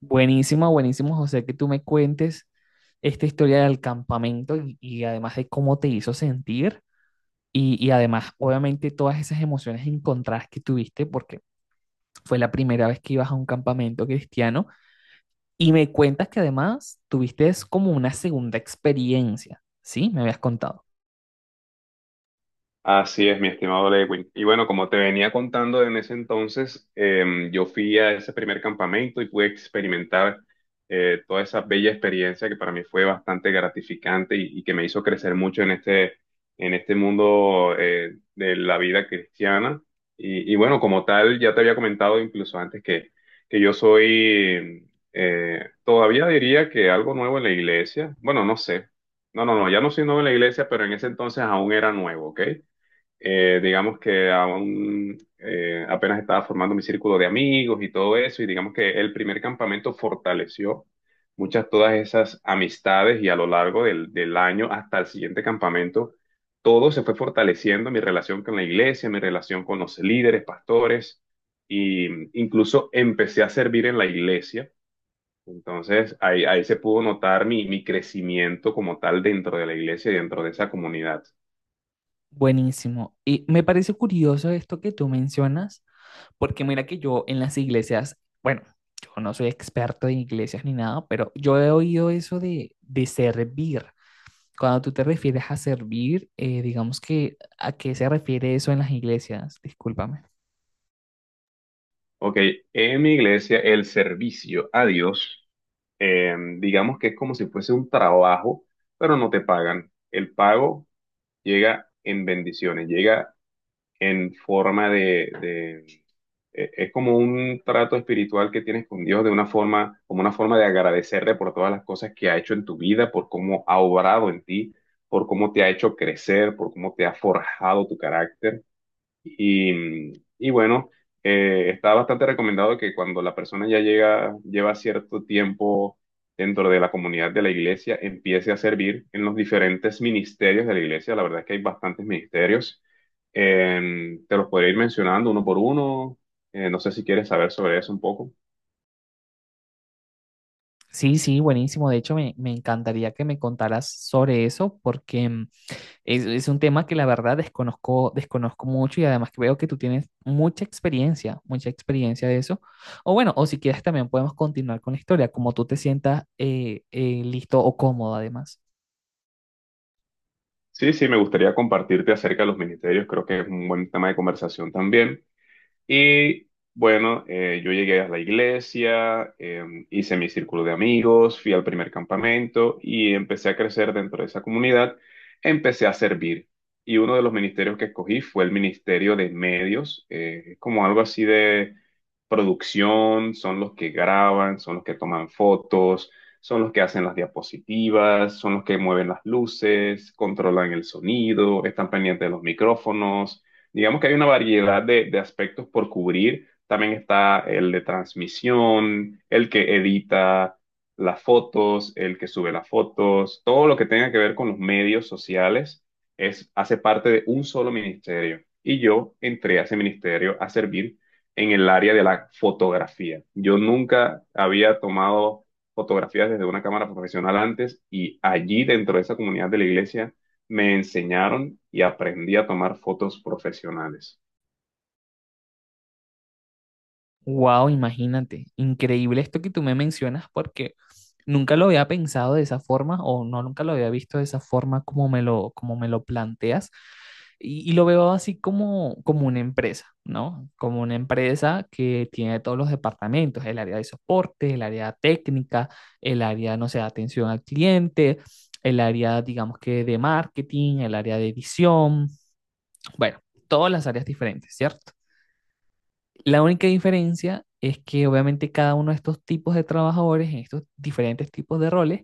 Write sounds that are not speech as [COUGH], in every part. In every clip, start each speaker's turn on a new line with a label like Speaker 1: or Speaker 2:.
Speaker 1: Buenísimo, buenísimo, José, que tú me cuentes esta historia del campamento y además de cómo te hizo sentir y además, obviamente, todas esas emociones encontradas que tuviste porque fue la primera vez que ibas a un campamento cristiano y me cuentas que además tuviste es como una segunda experiencia, ¿sí? Me habías contado.
Speaker 2: Así es, mi estimado Lewin. Y bueno, como te venía contando en ese entonces, yo fui a ese primer campamento y pude experimentar toda esa bella experiencia que para mí fue bastante gratificante y que me hizo crecer mucho en este mundo de la vida cristiana. Y bueno, como tal, ya te había comentado incluso antes que yo soy, todavía diría que algo nuevo en la iglesia. Bueno, no sé. No, no, no, ya no soy nuevo en la iglesia, pero en ese entonces aún era nuevo, ¿ok? Digamos que aún apenas estaba formando mi círculo de amigos y todo eso, y digamos que el primer campamento fortaleció muchas todas esas amistades y a lo largo del año hasta el siguiente campamento, todo se fue fortaleciendo, mi relación con la iglesia, mi relación con los líderes, pastores, y incluso empecé a servir en la iglesia. Entonces ahí se pudo notar mi crecimiento como tal dentro de la iglesia y dentro de esa comunidad.
Speaker 1: Buenísimo. Y me parece curioso esto que tú mencionas, porque mira que yo en las iglesias, bueno, yo no soy experto en iglesias ni nada, pero yo he oído eso de servir. Cuando tú te refieres a servir, digamos que, ¿a qué se refiere eso en las iglesias? Discúlpame.
Speaker 2: Ok, en mi iglesia el servicio a Dios, digamos que es como si fuese un trabajo, pero no te pagan. El pago llega en bendiciones, llega en forma de. Es como un trato espiritual que tienes con Dios de una forma, como una forma de agradecerle por todas las cosas que ha hecho en tu vida, por cómo ha obrado en ti, por cómo te ha hecho crecer, por cómo te ha forjado tu carácter. Y, y bueno, está bastante recomendado que cuando la persona ya llega, lleva cierto tiempo dentro de la comunidad de la iglesia, empiece a servir en los diferentes ministerios de la iglesia. La verdad es que hay bastantes ministerios. Te los podría ir mencionando uno por uno. No sé si quieres saber sobre eso un poco.
Speaker 1: Sí, sí, buenísimo. De hecho, me encantaría que me contaras sobre eso porque es un tema que la verdad desconozco, desconozco mucho y además que veo que tú tienes mucha experiencia de eso. O bueno, o si quieres también podemos continuar con la historia, como tú te sientas listo o cómodo además.
Speaker 2: Sí, sí, me gustaría compartirte acerca de los ministerios. Creo que es un buen tema de conversación también. Y bueno, yo llegué a la iglesia, hice mi círculo de amigos, fui al primer campamento y empecé a crecer dentro de esa comunidad. Empecé a servir. Y uno de los ministerios que escogí fue el Ministerio de Medios, como algo así de producción, son los que graban, son los que toman fotos, son los que hacen las diapositivas, son los que mueven las luces, controlan el sonido, están pendientes de los micrófonos. Digamos que hay una variedad de aspectos por cubrir. También está el de transmisión, el que edita las fotos, el que sube las fotos, todo lo que tenga que ver con los medios sociales es, hace parte de un solo ministerio. Y yo entré a ese ministerio a servir en el área de la fotografía. Yo nunca había tomado fotografías desde una cámara profesional antes y allí dentro de esa comunidad de la iglesia me enseñaron y aprendí a tomar fotos profesionales.
Speaker 1: Wow, imagínate, increíble esto que tú me mencionas porque nunca lo había pensado de esa forma o no, nunca lo había visto de esa forma como me como me lo planteas y lo veo así como, como una empresa, ¿no? Como una empresa que tiene todos los departamentos, el área de soporte, el área técnica, el área, no sé, de atención al cliente, el área, digamos que de marketing, el área de edición, bueno, todas las áreas diferentes, ¿cierto? La única diferencia es que obviamente cada uno de estos tipos de trabajadores, en estos diferentes tipos de roles,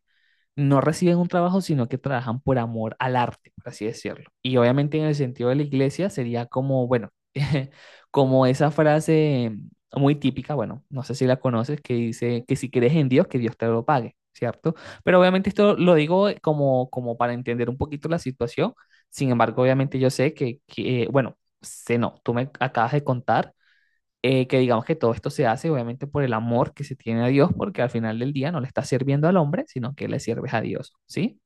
Speaker 1: no reciben un trabajo, sino que trabajan por amor al arte, por así decirlo. Y obviamente en el sentido de la iglesia sería como, bueno, [LAUGHS] como esa frase muy típica, bueno, no sé si la conoces, que dice que si crees en Dios, que Dios te lo pague, ¿cierto? Pero obviamente esto lo digo como, como para entender un poquito la situación. Sin embargo, obviamente yo sé que bueno, sé no, tú me acabas de contar, que digamos que todo esto se hace obviamente por el amor que se tiene a Dios, porque al final del día no le estás sirviendo al hombre, sino que le sirves a Dios, ¿sí?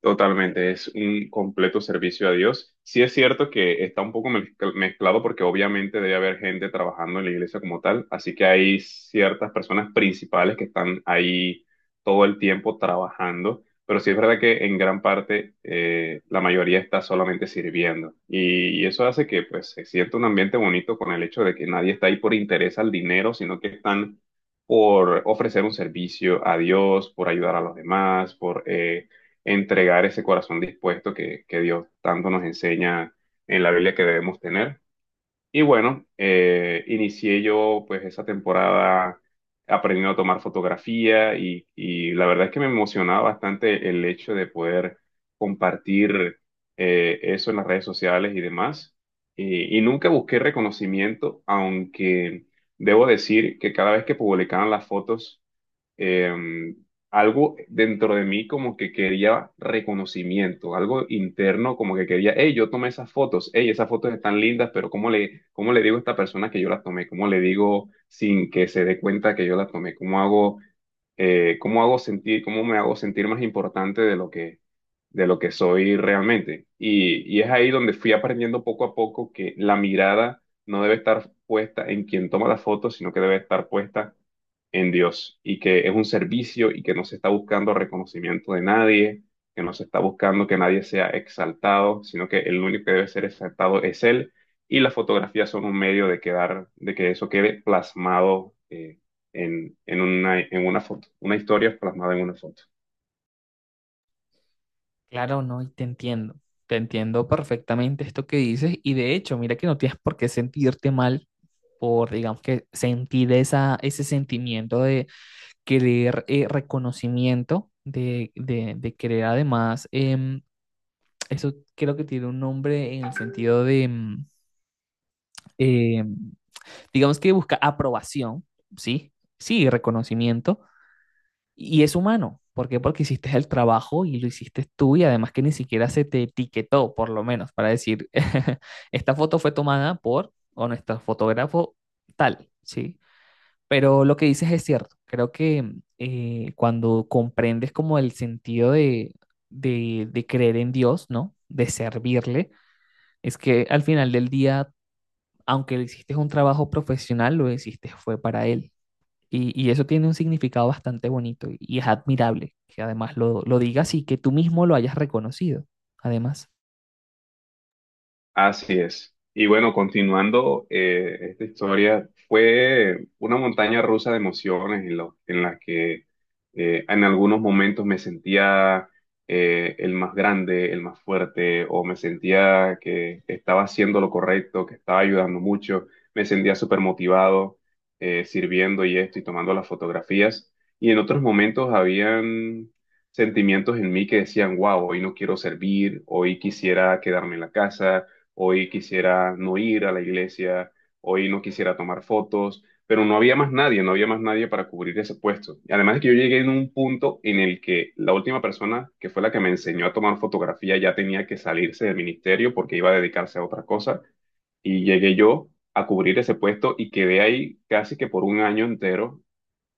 Speaker 2: Totalmente, es un completo servicio a Dios. Sí es cierto que está un poco mezclado porque obviamente debe haber gente trabajando en la iglesia como tal, así que hay ciertas personas principales que están ahí todo el tiempo trabajando, pero sí es verdad que en gran parte la mayoría está solamente sirviendo y eso hace que pues se sienta un ambiente bonito con el hecho de que nadie está ahí por interés al dinero, sino que están por ofrecer un servicio a Dios, por ayudar a los demás, por... entregar ese corazón dispuesto que Dios tanto nos enseña en la Biblia que debemos tener. Y bueno, inicié yo pues esa temporada aprendiendo a tomar fotografía y la verdad es que me emocionaba bastante el hecho de poder compartir eso en las redes sociales y demás. Y nunca busqué reconocimiento, aunque debo decir que cada vez que publicaban las fotos, eh, algo dentro de mí como que quería reconocimiento, algo interno como que quería, hey, yo tomé esas fotos, hey, esas fotos están lindas, pero ¿cómo le digo a esta persona que yo las tomé? ¿Cómo le digo sin que se dé cuenta que yo las tomé? Cómo hago sentir, cómo me hago sentir más importante de lo que soy realmente? Y es ahí donde fui aprendiendo poco a poco que la mirada no debe estar puesta en quien toma las fotos, sino que debe estar puesta en Dios y que es un servicio y que no se está buscando reconocimiento de nadie, que no se está buscando que nadie sea exaltado, sino que el único que debe ser exaltado es Él y las fotografías son un medio de quedar, de que eso quede plasmado en una foto, una historia plasmada en una foto.
Speaker 1: Claro, no, y te entiendo perfectamente esto que dices, y de hecho, mira que no tienes por qué sentirte mal por, digamos que, sentir esa, ese sentimiento de querer reconocimiento, querer además, eso creo que tiene un nombre en el sentido de... eh, digamos que busca aprobación, ¿sí? Sí, reconocimiento, y es humano. ¿Por qué? Porque hiciste el trabajo y lo hiciste tú y además que ni siquiera se te etiquetó, por lo menos, para decir, [LAUGHS] esta foto fue tomada por o nuestro fotógrafo tal, ¿sí? Pero lo que dices es cierto. Creo que cuando comprendes como el sentido de, creer en Dios, ¿no? De servirle, es que al final del día, aunque lo hiciste un trabajo profesional, lo hiciste fue para Él. Y eso tiene un significado bastante bonito y es admirable que además lo digas y que tú mismo lo hayas reconocido, además.
Speaker 2: Así es. Y bueno, continuando esta historia, fue una montaña rusa de emociones en, en la que en algunos momentos me sentía el más grande, el más fuerte, o me sentía que estaba haciendo lo correcto, que estaba ayudando mucho, me sentía súper motivado sirviendo y esto y tomando las fotografías. Y en otros momentos habían sentimientos en mí que decían, wow, hoy no quiero servir, hoy quisiera quedarme en la casa, hoy quisiera no ir a la iglesia, hoy no quisiera tomar fotos, pero no había más nadie, no había más nadie para cubrir ese puesto. Y además es que yo llegué en un punto en el que la última persona que fue la que me enseñó a tomar fotografía ya tenía que salirse del ministerio porque iba a dedicarse a otra cosa y llegué yo a cubrir ese puesto y quedé ahí casi que por un año entero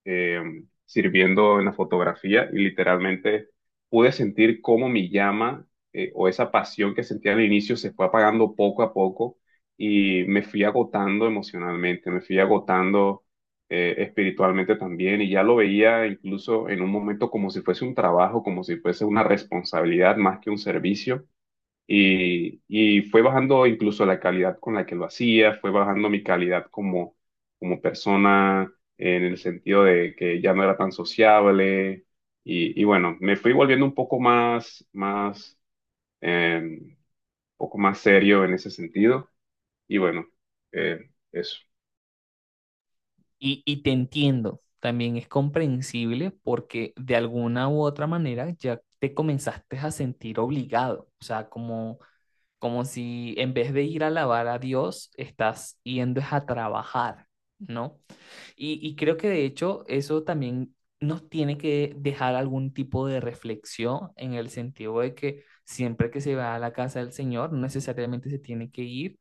Speaker 2: eh, sirviendo en la fotografía y literalmente pude sentir cómo mi llama, o esa pasión que sentía al inicio, se fue apagando poco a poco y me fui agotando emocionalmente, me fui agotando espiritualmente también y ya lo veía incluso en un momento como si fuese un trabajo, como si fuese una responsabilidad más que un servicio. Y fue bajando incluso la calidad con la que lo hacía, fue bajando mi calidad como, como persona en el sentido de que ya no era tan sociable. Y bueno, me fui volviendo un poco más, más, un poco más serio en ese sentido. Y bueno, eso.
Speaker 1: Y te entiendo, también es comprensible porque de alguna u otra manera ya te comenzaste a sentir obligado, o sea, como, como si en vez de ir a alabar a Dios, estás yendo es a trabajar, ¿no? Y creo que de hecho eso también nos tiene que dejar algún tipo de reflexión en el sentido de que siempre que se va a la casa del Señor, no necesariamente se tiene que ir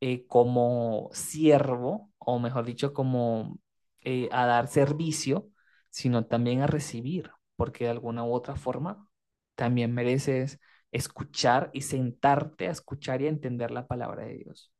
Speaker 1: como siervo, o mejor dicho, como a dar servicio, sino también a recibir, porque de alguna u otra forma también mereces escuchar y sentarte a escuchar y a entender la palabra de Dios.